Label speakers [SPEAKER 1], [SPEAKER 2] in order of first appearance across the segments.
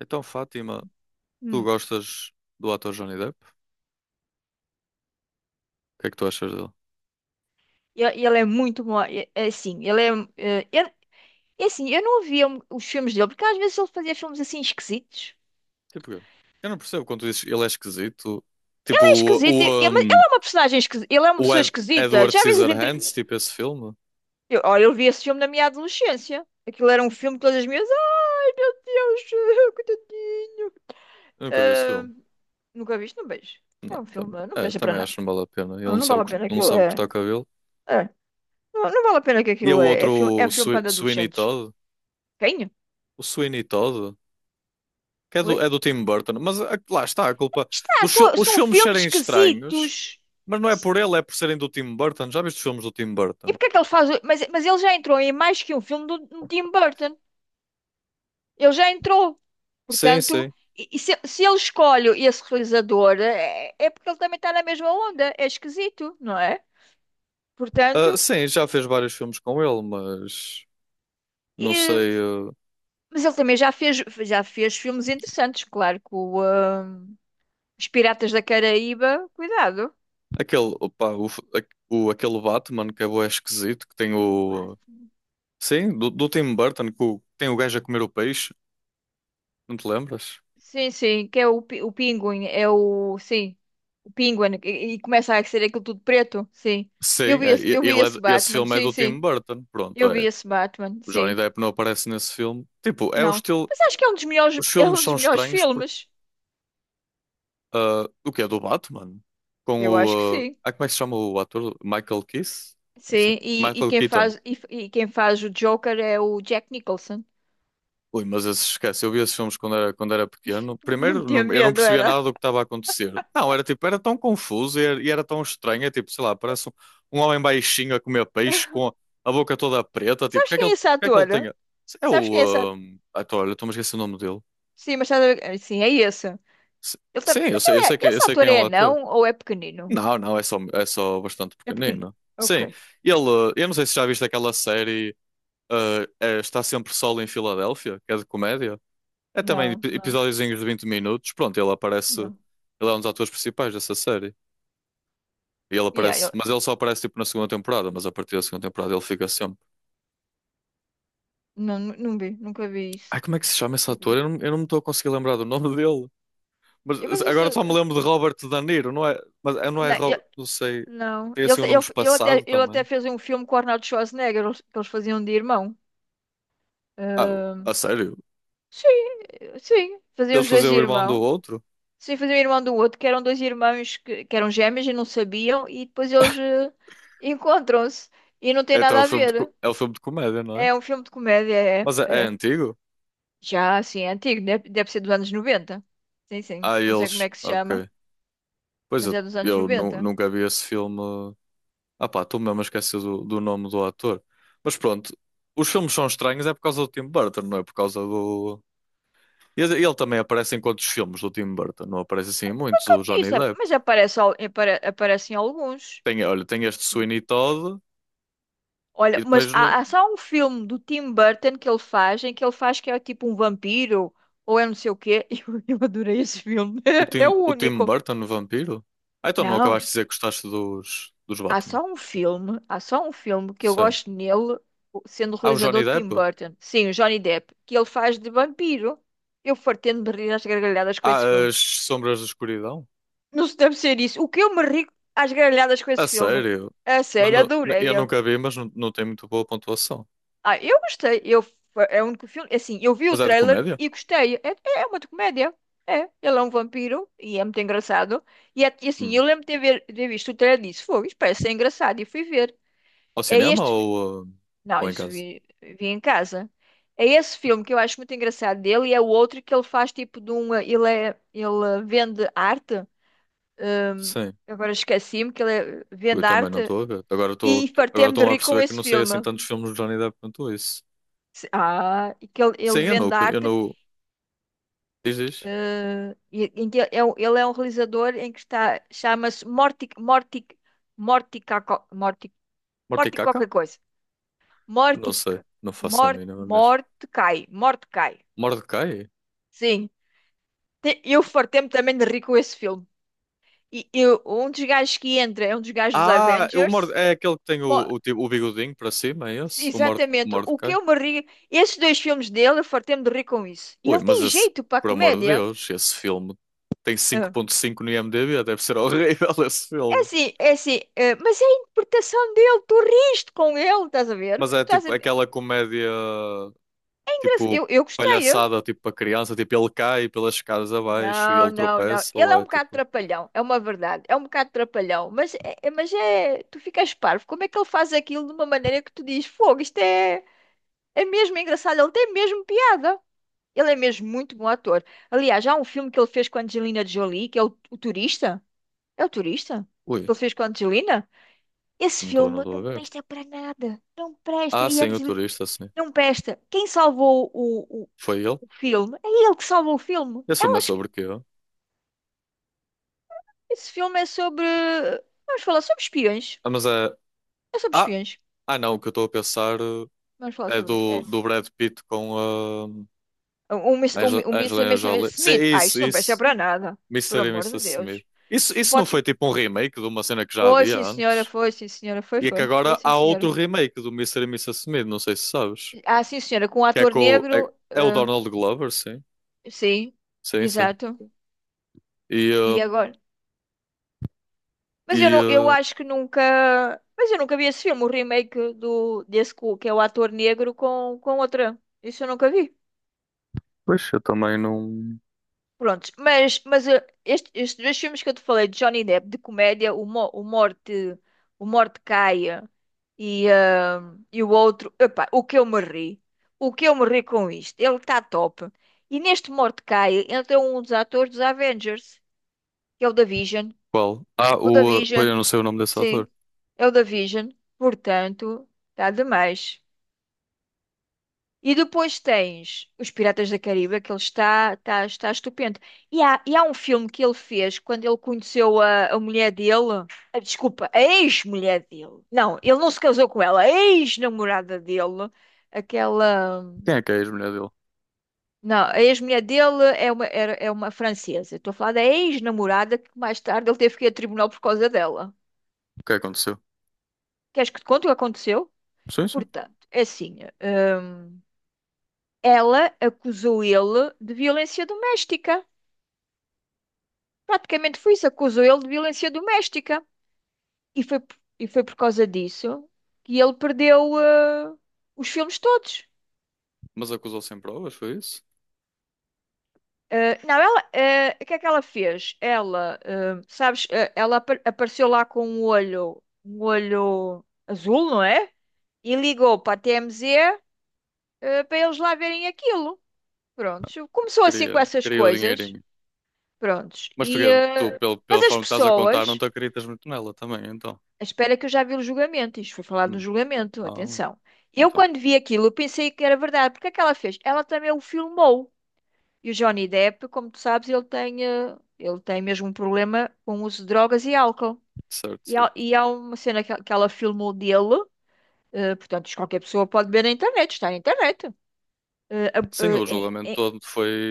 [SPEAKER 1] Então, Fátima, tu
[SPEAKER 2] Hum.
[SPEAKER 1] gostas do ator Johnny Depp? O que é que tu achas dele?
[SPEAKER 2] E ele é muito bom. É assim, ele é. Eh, eu- é assim, eu não via um, os filmes dele, porque às vezes ele fazia filmes assim esquisitos.
[SPEAKER 1] Tipo, eu não percebo quando tu dizes ele é esquisito. Tipo,
[SPEAKER 2] Ele é
[SPEAKER 1] o,
[SPEAKER 2] esquisito,
[SPEAKER 1] o,
[SPEAKER 2] mas ele
[SPEAKER 1] um,
[SPEAKER 2] é uma personagem esquisita. Ele é uma
[SPEAKER 1] o
[SPEAKER 2] pessoa
[SPEAKER 1] Ed-
[SPEAKER 2] esquisita.
[SPEAKER 1] Edward
[SPEAKER 2] Já às vezes. Entre...
[SPEAKER 1] Scissorhands, tipo esse filme.
[SPEAKER 2] Eu, olha, eu vi esse filme na minha adolescência. Aquilo era um filme de todas as minhas. Ai, meu Deus, coitadinho.
[SPEAKER 1] Eu nunca vi esse
[SPEAKER 2] Ah,
[SPEAKER 1] filme.
[SPEAKER 2] nunca viste? Não vejo. É
[SPEAKER 1] Não,
[SPEAKER 2] um
[SPEAKER 1] também,
[SPEAKER 2] filme, não
[SPEAKER 1] é,
[SPEAKER 2] presta para
[SPEAKER 1] também acho
[SPEAKER 2] nada.
[SPEAKER 1] que não vale a pena. Ele
[SPEAKER 2] Não,
[SPEAKER 1] não
[SPEAKER 2] não vale
[SPEAKER 1] sabe,
[SPEAKER 2] a pena,
[SPEAKER 1] não
[SPEAKER 2] aquilo
[SPEAKER 1] sabe cortar
[SPEAKER 2] é.
[SPEAKER 1] o cabelo.
[SPEAKER 2] É. Não, não vale a pena, que
[SPEAKER 1] E é o
[SPEAKER 2] aquilo é.
[SPEAKER 1] outro,
[SPEAKER 2] É
[SPEAKER 1] o
[SPEAKER 2] filme para
[SPEAKER 1] Sweeney
[SPEAKER 2] adolescentes.
[SPEAKER 1] Todd.
[SPEAKER 2] Quem?
[SPEAKER 1] O Sweeney Todd, que é
[SPEAKER 2] Oi?
[SPEAKER 1] do, é do Tim Burton. Mas lá está a culpa.
[SPEAKER 2] Está, são,
[SPEAKER 1] Os
[SPEAKER 2] são
[SPEAKER 1] filmes
[SPEAKER 2] filmes
[SPEAKER 1] serem estranhos,
[SPEAKER 2] esquisitos.
[SPEAKER 1] mas não é por ele, é por serem do Tim Burton. Já viste os filmes do Tim
[SPEAKER 2] E
[SPEAKER 1] Burton?
[SPEAKER 2] porque é que ele faz. Mas ele já entrou em mais que um filme do, do Tim Burton. Ele já entrou.
[SPEAKER 1] Sim,
[SPEAKER 2] Portanto,
[SPEAKER 1] sim.
[SPEAKER 2] e se ele escolhe esse realizador, é, é porque ele também está na mesma onda. É esquisito, não é?
[SPEAKER 1] Ah,
[SPEAKER 2] Portanto,
[SPEAKER 1] sim, já fez vários filmes com ele, mas não
[SPEAKER 2] e-
[SPEAKER 1] sei.
[SPEAKER 2] mas ele também já fez filmes interessantes, claro, com Os Piratas da Caraíba. Cuidado.
[SPEAKER 1] Aquele, opá, o, f- a- o- aquele Batman que é bué esquisito, que tem
[SPEAKER 2] O
[SPEAKER 1] o.
[SPEAKER 2] Blasfemo.
[SPEAKER 1] Sim, do Tim Burton, que tem o gajo a comer o peixe, não te lembras?
[SPEAKER 2] Sim, sim, que é o, o Pinguim. É o. Sim. O Penguin, e começa a ser aquilo tudo preto, sim.
[SPEAKER 1] Sim, é,
[SPEAKER 2] Eu vi
[SPEAKER 1] ele é,
[SPEAKER 2] esse
[SPEAKER 1] esse
[SPEAKER 2] Batman,
[SPEAKER 1] filme é
[SPEAKER 2] sim,
[SPEAKER 1] do Tim
[SPEAKER 2] sim.
[SPEAKER 1] Burton, pronto,
[SPEAKER 2] Eu vi
[SPEAKER 1] é.
[SPEAKER 2] esse Batman,
[SPEAKER 1] O Johnny
[SPEAKER 2] sim.
[SPEAKER 1] Depp não aparece nesse filme. Tipo, é o
[SPEAKER 2] Não.
[SPEAKER 1] estilo.
[SPEAKER 2] Mas acho que é um dos melhores,
[SPEAKER 1] Os
[SPEAKER 2] é
[SPEAKER 1] filmes
[SPEAKER 2] um dos
[SPEAKER 1] são
[SPEAKER 2] melhores
[SPEAKER 1] estranhos porque.
[SPEAKER 2] filmes.
[SPEAKER 1] O que é do Batman? Com
[SPEAKER 2] Eu acho que
[SPEAKER 1] o.
[SPEAKER 2] sim.
[SPEAKER 1] Como é que se chama o ator? Michael Keith? Assim,
[SPEAKER 2] Sim,
[SPEAKER 1] Michael Keaton.
[SPEAKER 2] e quem faz o Joker é o Jack Nicholson.
[SPEAKER 1] Ui, mas esses, esquece, eu vi esses filmes quando era pequeno.
[SPEAKER 2] Me
[SPEAKER 1] Primeiro,
[SPEAKER 2] metia
[SPEAKER 1] eu não
[SPEAKER 2] medo,
[SPEAKER 1] percebia nada
[SPEAKER 2] era.
[SPEAKER 1] do que estava a acontecer. Não, era tipo, era tão confuso e era tão estranho. É tipo, sei lá, parece um homem baixinho a comer peixe com a boca toda preta. Tipo,
[SPEAKER 2] Sabes
[SPEAKER 1] porque é que
[SPEAKER 2] quem
[SPEAKER 1] ele,
[SPEAKER 2] é esse
[SPEAKER 1] porque é que ele tem.
[SPEAKER 2] ator?
[SPEAKER 1] A- É
[SPEAKER 2] Sabes quem
[SPEAKER 1] o.
[SPEAKER 2] é esse ator?
[SPEAKER 1] Ator, olha, estou-me a esquecer o nome dele.
[SPEAKER 2] Sim, mas estás a ver- sim, é esse.
[SPEAKER 1] S- Sim, eu
[SPEAKER 2] Mas
[SPEAKER 1] sei, eu
[SPEAKER 2] ele
[SPEAKER 1] sei,
[SPEAKER 2] é...
[SPEAKER 1] eu
[SPEAKER 2] esse
[SPEAKER 1] sei quem
[SPEAKER 2] ator
[SPEAKER 1] é o
[SPEAKER 2] é
[SPEAKER 1] ator.
[SPEAKER 2] não ou é pequenino?
[SPEAKER 1] Não, não, é só bastante
[SPEAKER 2] É pequenino.
[SPEAKER 1] pequenino.
[SPEAKER 2] Ok.
[SPEAKER 1] Sim, ele. Eu não sei se já viste aquela série. Está sempre solo em Filadélfia, que é de comédia. É também
[SPEAKER 2] Não, não,
[SPEAKER 1] episódiozinhos de 20 minutos. Pronto, ele aparece.
[SPEAKER 2] não.
[SPEAKER 1] Ele é um dos atores principais dessa série. E ele aparece.
[SPEAKER 2] Yeah,
[SPEAKER 1] Mas ele só aparece tipo na segunda temporada. Mas a partir da segunda temporada ele fica sempre.
[SPEAKER 2] não, não vi, nunca vi
[SPEAKER 1] Ai,
[SPEAKER 2] isso.
[SPEAKER 1] como é que se chama esse
[SPEAKER 2] Nunca
[SPEAKER 1] ator?
[SPEAKER 2] vi.
[SPEAKER 1] Eu não me estou a conseguir lembrar do nome dele.
[SPEAKER 2] Eu-
[SPEAKER 1] Mas
[SPEAKER 2] mas eu
[SPEAKER 1] agora
[SPEAKER 2] sei.
[SPEAKER 1] só me lembro de Robert De Niro, não é? Mas não é
[SPEAKER 2] Não,
[SPEAKER 1] Robert. Não sei.
[SPEAKER 2] não.
[SPEAKER 1] Tem
[SPEAKER 2] Ele,
[SPEAKER 1] assim
[SPEAKER 2] te-
[SPEAKER 1] um nome
[SPEAKER 2] ele,
[SPEAKER 1] espaçado
[SPEAKER 2] ele até
[SPEAKER 1] também.
[SPEAKER 2] fez um filme com o Arnold Schwarzenegger, que eles faziam de irmão.
[SPEAKER 1] Ah, a
[SPEAKER 2] Ahm,
[SPEAKER 1] sério?
[SPEAKER 2] sim, sim, faziam
[SPEAKER 1] Eles
[SPEAKER 2] os dois
[SPEAKER 1] faziam
[SPEAKER 2] de
[SPEAKER 1] o irmão do
[SPEAKER 2] irmão.
[SPEAKER 1] outro?
[SPEAKER 2] Sim, faziam irmão do outro, que eram dois irmãos que eram gêmeos e não sabiam, e depois eles encontram-se e não tem
[SPEAKER 1] É, então é
[SPEAKER 2] nada
[SPEAKER 1] o
[SPEAKER 2] a
[SPEAKER 1] filme de, co-
[SPEAKER 2] ver.
[SPEAKER 1] é o filme de comédia, não é?
[SPEAKER 2] É um filme de comédia, é,
[SPEAKER 1] Mas é
[SPEAKER 2] é.
[SPEAKER 1] antigo?
[SPEAKER 2] Já assim, é antigo, deve, deve ser dos anos 90. Sim, sim.
[SPEAKER 1] Ah,
[SPEAKER 2] Não sei como
[SPEAKER 1] eles.
[SPEAKER 2] é que se chama,
[SPEAKER 1] Ok. Pois
[SPEAKER 2] mas é dos anos 90.
[SPEAKER 1] nunca vi esse filme. Ah pá, estou mesmo a esquecer do nome do ator. Mas pronto, os filmes são estranhos é por causa do Tim Burton, não é por causa do... E ele também aparece em quantos filmes do Tim Burton? Não aparece assim em muitos, o
[SPEAKER 2] Isso,
[SPEAKER 1] Johnny Depp.
[SPEAKER 2] mas aparece, aparecem alguns.
[SPEAKER 1] Tem, olha, tem este Sweeney Todd e
[SPEAKER 2] Olha, mas
[SPEAKER 1] depois no,
[SPEAKER 2] há, há só um filme do Tim Burton que ele faz, em que ele faz que é tipo um vampiro, ou é não sei o quê. Eu adorei esse filme.
[SPEAKER 1] o
[SPEAKER 2] É
[SPEAKER 1] Tim,
[SPEAKER 2] o
[SPEAKER 1] o Tim
[SPEAKER 2] único.
[SPEAKER 1] Burton no Vampiro. Ah, então não acabaste
[SPEAKER 2] Não,
[SPEAKER 1] de dizer que gostaste dos
[SPEAKER 2] há
[SPEAKER 1] Batman.
[SPEAKER 2] só um filme, há só um filme que eu
[SPEAKER 1] Sim.
[SPEAKER 2] gosto nele, sendo o
[SPEAKER 1] Ah, o Johnny
[SPEAKER 2] realizador Tim
[SPEAKER 1] Depp?
[SPEAKER 2] Burton. Sim, o Johnny Depp, que ele faz de vampiro. Eu fartei-me de rir às gargalhadas com
[SPEAKER 1] Ah,
[SPEAKER 2] esse filme.
[SPEAKER 1] as Sombras da Escuridão?
[SPEAKER 2] Não se deve ser isso. O que eu me ri às gargalhadas com
[SPEAKER 1] A
[SPEAKER 2] esse filme?
[SPEAKER 1] sério?
[SPEAKER 2] A
[SPEAKER 1] Não-
[SPEAKER 2] sério,
[SPEAKER 1] não-
[SPEAKER 2] adorei.
[SPEAKER 1] eu nunca vi, mas não, não tem muito boa pontuação.
[SPEAKER 2] Ah, eu gostei. Eu, é o único filme. Assim, eu vi o
[SPEAKER 1] Mas é de
[SPEAKER 2] trailer
[SPEAKER 1] comédia?
[SPEAKER 2] e gostei. É, é uma comédia. É. Ele é um vampiro e é muito engraçado. E, e assim,
[SPEAKER 1] Hum.
[SPEAKER 2] eu lembro de ter, de ter visto o trailer e disse: foi, isto parece ser engraçado. E fui ver.
[SPEAKER 1] Ao
[SPEAKER 2] É
[SPEAKER 1] cinema
[SPEAKER 2] este. fi-
[SPEAKER 1] ou,
[SPEAKER 2] Não,
[SPEAKER 1] ou em
[SPEAKER 2] isso
[SPEAKER 1] casa?
[SPEAKER 2] vi, vi em casa. É esse filme que eu acho muito engraçado dele e é o outro que ele faz tipo de um. Ele, é, ele vende arte. hum,
[SPEAKER 1] Sim,
[SPEAKER 2] Agora esqueci-me que
[SPEAKER 1] eu
[SPEAKER 2] vende
[SPEAKER 1] também não
[SPEAKER 2] arte
[SPEAKER 1] estou a ver. Agora
[SPEAKER 2] e
[SPEAKER 1] estou agora
[SPEAKER 2] fartei-me de
[SPEAKER 1] estou a
[SPEAKER 2] rir com
[SPEAKER 1] perceber que
[SPEAKER 2] esse
[SPEAKER 1] não sei
[SPEAKER 2] filme.
[SPEAKER 1] assim tantos filmes de Johnny Depp quanto isso.
[SPEAKER 2] Ah, e que ele,
[SPEAKER 1] Sim,
[SPEAKER 2] ele
[SPEAKER 1] eu não,
[SPEAKER 2] vende
[SPEAKER 1] eu
[SPEAKER 2] arte.
[SPEAKER 1] não. Diz, diz.
[SPEAKER 2] Em que ele é, ele é um realizador em que está, chama-se Morty, Morty, Morty, Morty
[SPEAKER 1] Morticaca?
[SPEAKER 2] qualquer coisa.
[SPEAKER 1] Não
[SPEAKER 2] Morty,
[SPEAKER 1] sei, não faço a mínima mesmo.
[SPEAKER 2] Mordecai, Mordecai.
[SPEAKER 1] Mordecai?
[SPEAKER 2] Sim, eu fartei-me também de rir com esse filme. E eu, um dos gajos que entra é um dos gajos dos
[SPEAKER 1] Ah, o Morde...
[SPEAKER 2] Avengers.
[SPEAKER 1] é aquele que tem
[SPEAKER 2] Mo-
[SPEAKER 1] o bigodinho para cima, é esse? O Morde...
[SPEAKER 2] Exatamente, o que
[SPEAKER 1] Mordecai?
[SPEAKER 2] eu me ri, esses dois filmes dele, eu fartei-me de rir com isso. E
[SPEAKER 1] Ui,
[SPEAKER 2] ele
[SPEAKER 1] mas
[SPEAKER 2] tem
[SPEAKER 1] esse,
[SPEAKER 2] jeito para a
[SPEAKER 1] por amor de
[SPEAKER 2] comédia.
[SPEAKER 1] Deus, esse filme tem cinco
[SPEAKER 2] Ah.
[SPEAKER 1] ponto cinco no IMDb, deve ser horrível esse
[SPEAKER 2] É
[SPEAKER 1] filme.
[SPEAKER 2] assim, é assim, eh, mas é a interpretação dele, tu riste com ele, estás a ver?
[SPEAKER 1] Mas é
[SPEAKER 2] Estás a
[SPEAKER 1] tipo
[SPEAKER 2] ver?
[SPEAKER 1] aquela comédia. Tipo
[SPEAKER 2] Eu gostei, eu.
[SPEAKER 1] palhaçada tipo para criança, tipo ele cai pelas escadas abaixo e
[SPEAKER 2] Não,
[SPEAKER 1] ele
[SPEAKER 2] não, não.
[SPEAKER 1] tropeça,
[SPEAKER 2] Ele
[SPEAKER 1] ou
[SPEAKER 2] é um
[SPEAKER 1] é
[SPEAKER 2] bocado
[SPEAKER 1] tipo,
[SPEAKER 2] trapalhão, é uma verdade, é um bocado trapalhão, mas é, mas é, tu ficas parvo. Como é que ele faz aquilo de uma maneira que tu dizes, fogo, isto é, é mesmo engraçado, ele tem mesmo piada. Ele é mesmo muito bom ator. Aliás, há um filme que ele fez com a Angelina Jolie, que é o Turista. É o Turista?
[SPEAKER 1] ui,
[SPEAKER 2] Que ele fez com a Angelina? Esse
[SPEAKER 1] não estou, não
[SPEAKER 2] filme
[SPEAKER 1] estou a
[SPEAKER 2] não
[SPEAKER 1] ver.
[SPEAKER 2] presta para nada. Não presta.
[SPEAKER 1] Ah,
[SPEAKER 2] E
[SPEAKER 1] sim, o
[SPEAKER 2] antes,
[SPEAKER 1] turista, sim.
[SPEAKER 2] não presta. Quem salvou
[SPEAKER 1] Foi ele?
[SPEAKER 2] o filme é ele que salvou o filme.
[SPEAKER 1] Esse filme é
[SPEAKER 2] Elas,
[SPEAKER 1] sobre o quê?
[SPEAKER 2] esse filme é sobre. Vamos falar sobre espiões.
[SPEAKER 1] Ah, mas é.
[SPEAKER 2] É sobre
[SPEAKER 1] Ah,
[SPEAKER 2] espiões.
[SPEAKER 1] não, o que eu estou a pensar
[SPEAKER 2] Vamos falar
[SPEAKER 1] é
[SPEAKER 2] sobre isso.
[SPEAKER 1] do,
[SPEAKER 2] É.
[SPEAKER 1] do Brad Pitt com a
[SPEAKER 2] O, o, o, o Mr.
[SPEAKER 1] Angelina
[SPEAKER 2] Mr.
[SPEAKER 1] Jolie. Sim,
[SPEAKER 2] Smith. Ah,
[SPEAKER 1] isso,
[SPEAKER 2] isto não presta
[SPEAKER 1] isso.
[SPEAKER 2] para nada. Por
[SPEAKER 1] Mr. e
[SPEAKER 2] amor de
[SPEAKER 1] Mrs. Smith.
[SPEAKER 2] Deus.
[SPEAKER 1] Isso,
[SPEAKER 2] Tu
[SPEAKER 1] isso não
[SPEAKER 2] podes.
[SPEAKER 1] foi tipo um remake de uma cena que já
[SPEAKER 2] Foi,
[SPEAKER 1] havia
[SPEAKER 2] sim, senhora.
[SPEAKER 1] antes?
[SPEAKER 2] Foi, sim, senhora. Foi,
[SPEAKER 1] E é que
[SPEAKER 2] foi. Foi,
[SPEAKER 1] agora
[SPEAKER 2] sim,
[SPEAKER 1] há
[SPEAKER 2] senhora.
[SPEAKER 1] outro remake do Mr. e Mrs. Smith, não sei se sabes.
[SPEAKER 2] Ah, sim, senhora. Com um
[SPEAKER 1] Que é
[SPEAKER 2] ator
[SPEAKER 1] com. É,
[SPEAKER 2] negro.
[SPEAKER 1] é o Donald Glover, sim.
[SPEAKER 2] Sim.
[SPEAKER 1] Sim, sim.
[SPEAKER 2] Exato.
[SPEAKER 1] E, uh,
[SPEAKER 2] E agora? Mas eu,
[SPEAKER 1] e
[SPEAKER 2] não, eu
[SPEAKER 1] uh,
[SPEAKER 2] acho que nunca. Mas eu nunca vi esse filme, o remake do, desse cu, que é o ator negro com outra. Isso eu nunca vi.
[SPEAKER 1] pois eu também não.
[SPEAKER 2] Prontos, mas estes dois filmes que eu te falei, de Johnny Depp, de comédia, o, o Morte Caia e, eh, e o outro, epá, o que eu me ri, o que eu me ri com isto, ele está top. E neste Morte Caia entra um dos atores dos Avengers, que é o da Vision.
[SPEAKER 1] Qual? Ah,
[SPEAKER 2] O da
[SPEAKER 1] o. Pois
[SPEAKER 2] Vision.
[SPEAKER 1] eu não sei o nome desse ator.
[SPEAKER 2] Sim. É o da Vision. Portanto, está demais. E depois tens Os Piratas da Caribe, que ele está, está, está estupendo. E há um filme que ele fez quando ele conheceu a mulher dele. Ah, desculpa, a ex-mulher dele. Não, ele não se casou com ela. A ex-namorada dele. Aquela.
[SPEAKER 1] Quem é que é a ex-mulher dele? O
[SPEAKER 2] Não, a ex-mulher dele é uma, era, é uma francesa. Estou a falar da ex-namorada que mais tarde ele teve que ir a tribunal por causa dela.
[SPEAKER 1] que é que aconteceu?
[SPEAKER 2] Queres que te conte o que aconteceu?
[SPEAKER 1] Sim, sim.
[SPEAKER 2] Portanto, é assim, ela acusou ele de violência doméstica. Praticamente foi isso, acusou ele de violência doméstica. E foi, e foi por causa disso que ele perdeu os filmes todos.
[SPEAKER 1] Mas acusou sem provas, foi isso?
[SPEAKER 2] Não, ela, o que é que ela fez? Ela, sabes, ela apareceu lá com um olho azul, não é? E ligou para a TMZ, para eles lá verem aquilo. Pronto, começou assim
[SPEAKER 1] Queria,
[SPEAKER 2] com essas
[SPEAKER 1] queria o
[SPEAKER 2] coisas.
[SPEAKER 1] dinheirinho.
[SPEAKER 2] Prontos.
[SPEAKER 1] Mas tu, tu
[SPEAKER 2] Mas
[SPEAKER 1] pela
[SPEAKER 2] as
[SPEAKER 1] forma que estás a contar, não
[SPEAKER 2] pessoas,
[SPEAKER 1] te acreditas muito nela também, então.
[SPEAKER 2] espera que eu já vi o julgamento, isto foi falado no
[SPEAKER 1] Hum.
[SPEAKER 2] julgamento,
[SPEAKER 1] Ah,
[SPEAKER 2] atenção. Eu,
[SPEAKER 1] então.
[SPEAKER 2] quando vi aquilo, eu pensei que era verdade. Porque é que ela fez? Ela também o filmou. E o Johnny Depp, como tu sabes, ele tem, ele tem mesmo um problema com o uso de drogas e álcool.
[SPEAKER 1] Certo, certo.
[SPEAKER 2] E há uma cena que ela filmou dele, portanto, isto qualquer pessoa pode ver na internet, está na internet. eh, a-
[SPEAKER 1] Sim, o
[SPEAKER 2] eh,
[SPEAKER 1] julgamento
[SPEAKER 2] em-
[SPEAKER 1] todo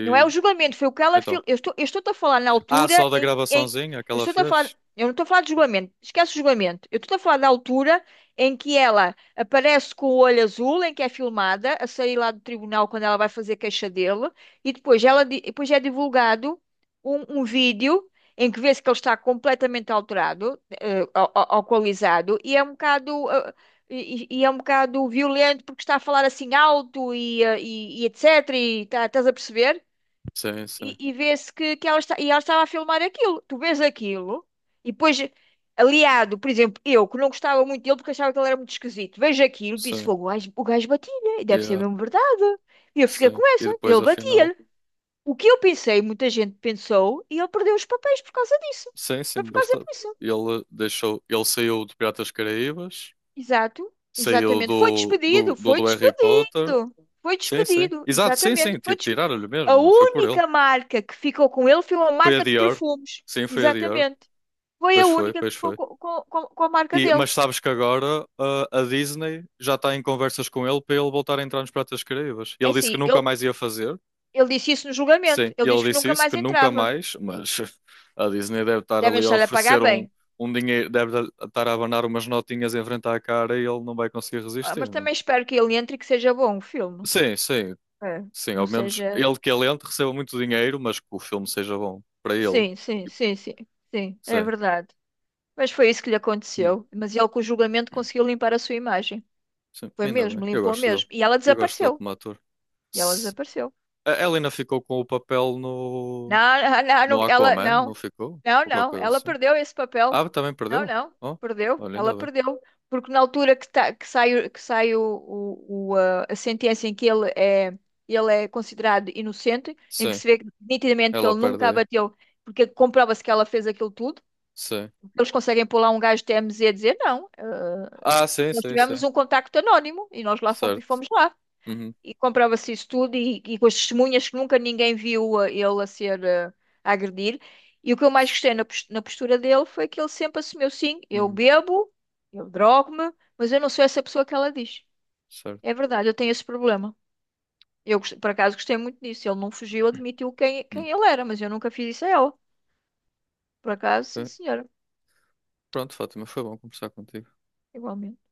[SPEAKER 2] Não é o julgamento, foi o que ela.
[SPEAKER 1] Então.
[SPEAKER 2] Eu estou, eu estou-te a falar na
[SPEAKER 1] Ah, só
[SPEAKER 2] altura
[SPEAKER 1] da
[SPEAKER 2] em que.
[SPEAKER 1] gravaçãozinha que
[SPEAKER 2] Eu
[SPEAKER 1] ela
[SPEAKER 2] estou-te a falar.
[SPEAKER 1] fez?
[SPEAKER 2] Eu não estou a falar de julgamento, esquece o julgamento. Eu estou a falar da altura em que ela aparece com o olho azul, em que é filmada, a sair lá do tribunal quando ela vai fazer queixa dele, e depois, ela, depois é divulgado um, um vídeo em que vê-se que ele está completamente alterado, alcoolizado, e é um bocado. E, e é um bocado violento porque está a falar assim alto e e etc. E estás a perceber?
[SPEAKER 1] Sim, sim.
[SPEAKER 2] E, e vê-se que ela está, e ela estava a filmar aquilo. Tu vês aquilo e depois, aliado, por exemplo, eu que não gostava muito dele porque achava que ele era muito esquisito, vejo aquilo e disse:
[SPEAKER 1] Sim.
[SPEAKER 2] fogo, o gajo batia-lhe, e deve ser
[SPEAKER 1] Yeah.
[SPEAKER 2] mesmo verdade. E eu fiquei
[SPEAKER 1] Sim.
[SPEAKER 2] com
[SPEAKER 1] E
[SPEAKER 2] essa,
[SPEAKER 1] depois,
[SPEAKER 2] ele
[SPEAKER 1] afinal.
[SPEAKER 2] batia-lhe. O que eu pensei, muita gente pensou, e ele perdeu os papéis por causa disso.
[SPEAKER 1] Sim, sim,
[SPEAKER 2] Foi por causa
[SPEAKER 1] bastante.
[SPEAKER 2] disso.
[SPEAKER 1] Ele saiu de Piratas Caraíbas,
[SPEAKER 2] Exato,
[SPEAKER 1] saiu
[SPEAKER 2] exatamente. Foi
[SPEAKER 1] do, do,
[SPEAKER 2] despedido,
[SPEAKER 1] do,
[SPEAKER 2] foi
[SPEAKER 1] do Harry Potter.
[SPEAKER 2] despedido, foi
[SPEAKER 1] Sim, sim.
[SPEAKER 2] despedido,
[SPEAKER 1] Exato, sim,
[SPEAKER 2] exatamente.
[SPEAKER 1] sim. Tiraram-lhe
[SPEAKER 2] A
[SPEAKER 1] mesmo, não foi por ele.
[SPEAKER 2] única marca que ficou com ele foi uma
[SPEAKER 1] Foi a
[SPEAKER 2] marca de
[SPEAKER 1] Dior.
[SPEAKER 2] perfumes,
[SPEAKER 1] Sim, foi a Dior.
[SPEAKER 2] exatamente. Foi a
[SPEAKER 1] Pois foi,
[SPEAKER 2] única que
[SPEAKER 1] pois
[SPEAKER 2] ficou
[SPEAKER 1] foi.
[SPEAKER 2] com, a marca
[SPEAKER 1] E,
[SPEAKER 2] dele.
[SPEAKER 1] mas sabes que agora a Disney já está em conversas com ele para ele voltar a entrar nos Piratas Caraíbas.
[SPEAKER 2] É
[SPEAKER 1] Ele disse que
[SPEAKER 2] assim,
[SPEAKER 1] nunca
[SPEAKER 2] ele,
[SPEAKER 1] mais ia fazer,
[SPEAKER 2] ele disse isso no julgamento,
[SPEAKER 1] sim,
[SPEAKER 2] ele
[SPEAKER 1] e ele
[SPEAKER 2] disse que
[SPEAKER 1] disse
[SPEAKER 2] nunca
[SPEAKER 1] isso,
[SPEAKER 2] mais
[SPEAKER 1] que nunca
[SPEAKER 2] entrava.
[SPEAKER 1] mais, mas a Disney deve estar
[SPEAKER 2] Devem
[SPEAKER 1] ali a
[SPEAKER 2] estar a pagar
[SPEAKER 1] oferecer um,
[SPEAKER 2] bem.
[SPEAKER 1] um dinheiro, deve estar a abanar umas notinhas em frente à cara e ele não vai conseguir
[SPEAKER 2] Ah, mas
[SPEAKER 1] resistir, não?
[SPEAKER 2] também
[SPEAKER 1] é?
[SPEAKER 2] espero que ele entre e que seja bom o filme.
[SPEAKER 1] Sim, sim,
[SPEAKER 2] É,
[SPEAKER 1] sim, ao
[SPEAKER 2] não
[SPEAKER 1] menos
[SPEAKER 2] seja.
[SPEAKER 1] ele que é lento receba muito dinheiro, mas que o filme seja bom para ele.
[SPEAKER 2] Sim, sim,
[SPEAKER 1] E-
[SPEAKER 2] sim, sim, sim, é
[SPEAKER 1] Sim,
[SPEAKER 2] verdade. Mas foi isso que lhe
[SPEAKER 1] hum,
[SPEAKER 2] aconteceu. Mas ele, com o julgamento, conseguiu limpar a sua imagem.
[SPEAKER 1] sim,
[SPEAKER 2] Foi
[SPEAKER 1] ainda bem,
[SPEAKER 2] mesmo, limpou mesmo. E ela
[SPEAKER 1] eu gosto dele
[SPEAKER 2] desapareceu.
[SPEAKER 1] como ator.
[SPEAKER 2] E ela
[SPEAKER 1] Se-
[SPEAKER 2] desapareceu.
[SPEAKER 1] A Helena ficou com o papel
[SPEAKER 2] Não,
[SPEAKER 1] no,
[SPEAKER 2] não, não, não,
[SPEAKER 1] no
[SPEAKER 2] ela
[SPEAKER 1] Aquaman, não
[SPEAKER 2] não,
[SPEAKER 1] ficou?
[SPEAKER 2] não,
[SPEAKER 1] Ou qualquer
[SPEAKER 2] não,
[SPEAKER 1] coisa
[SPEAKER 2] ela
[SPEAKER 1] assim.
[SPEAKER 2] perdeu esse papel.
[SPEAKER 1] Ah, também
[SPEAKER 2] Não,
[SPEAKER 1] perdeu?
[SPEAKER 2] não,
[SPEAKER 1] Oh,
[SPEAKER 2] perdeu,
[SPEAKER 1] olha,
[SPEAKER 2] ela
[SPEAKER 1] ainda bem.
[SPEAKER 2] perdeu. Porque na altura que, tá, que sai, que sai o, a sentença em que ele é considerado inocente, em que
[SPEAKER 1] Sim,
[SPEAKER 2] se vê nitidamente que
[SPEAKER 1] ela
[SPEAKER 2] ele
[SPEAKER 1] perde
[SPEAKER 2] nunca
[SPEAKER 1] aí.
[SPEAKER 2] abateu, porque comprova-se que ela fez aquilo tudo,
[SPEAKER 1] Sim.
[SPEAKER 2] eles conseguem pôr lá um gajo de TMZ a dizer não,
[SPEAKER 1] Ah, sim,
[SPEAKER 2] nós
[SPEAKER 1] sim, sim.
[SPEAKER 2] tivemos um contacto anónimo e nós lá fomos,
[SPEAKER 1] Certo.
[SPEAKER 2] fomos lá.
[SPEAKER 1] Uhum.
[SPEAKER 2] E comprova-se isso tudo e com as testemunhas que nunca ninguém viu ele a ser a agredir. E o que eu mais gostei na na postura dele foi que ele sempre assumiu, sim, eu
[SPEAKER 1] Uhum.
[SPEAKER 2] bebo, eu drogo-me, mas eu não sou essa pessoa que ela diz. É
[SPEAKER 1] Certo.
[SPEAKER 2] verdade, eu tenho esse problema. Eu, por acaso, gostei muito disso. Ele não fugiu, admitiu quem,
[SPEAKER 1] Uhum.
[SPEAKER 2] quem ele era, mas eu nunca fiz isso a ela. Por acaso, sim,
[SPEAKER 1] Ok.
[SPEAKER 2] senhora.
[SPEAKER 1] Pronto, Fátima, foi bom conversar contigo.
[SPEAKER 2] Igualmente.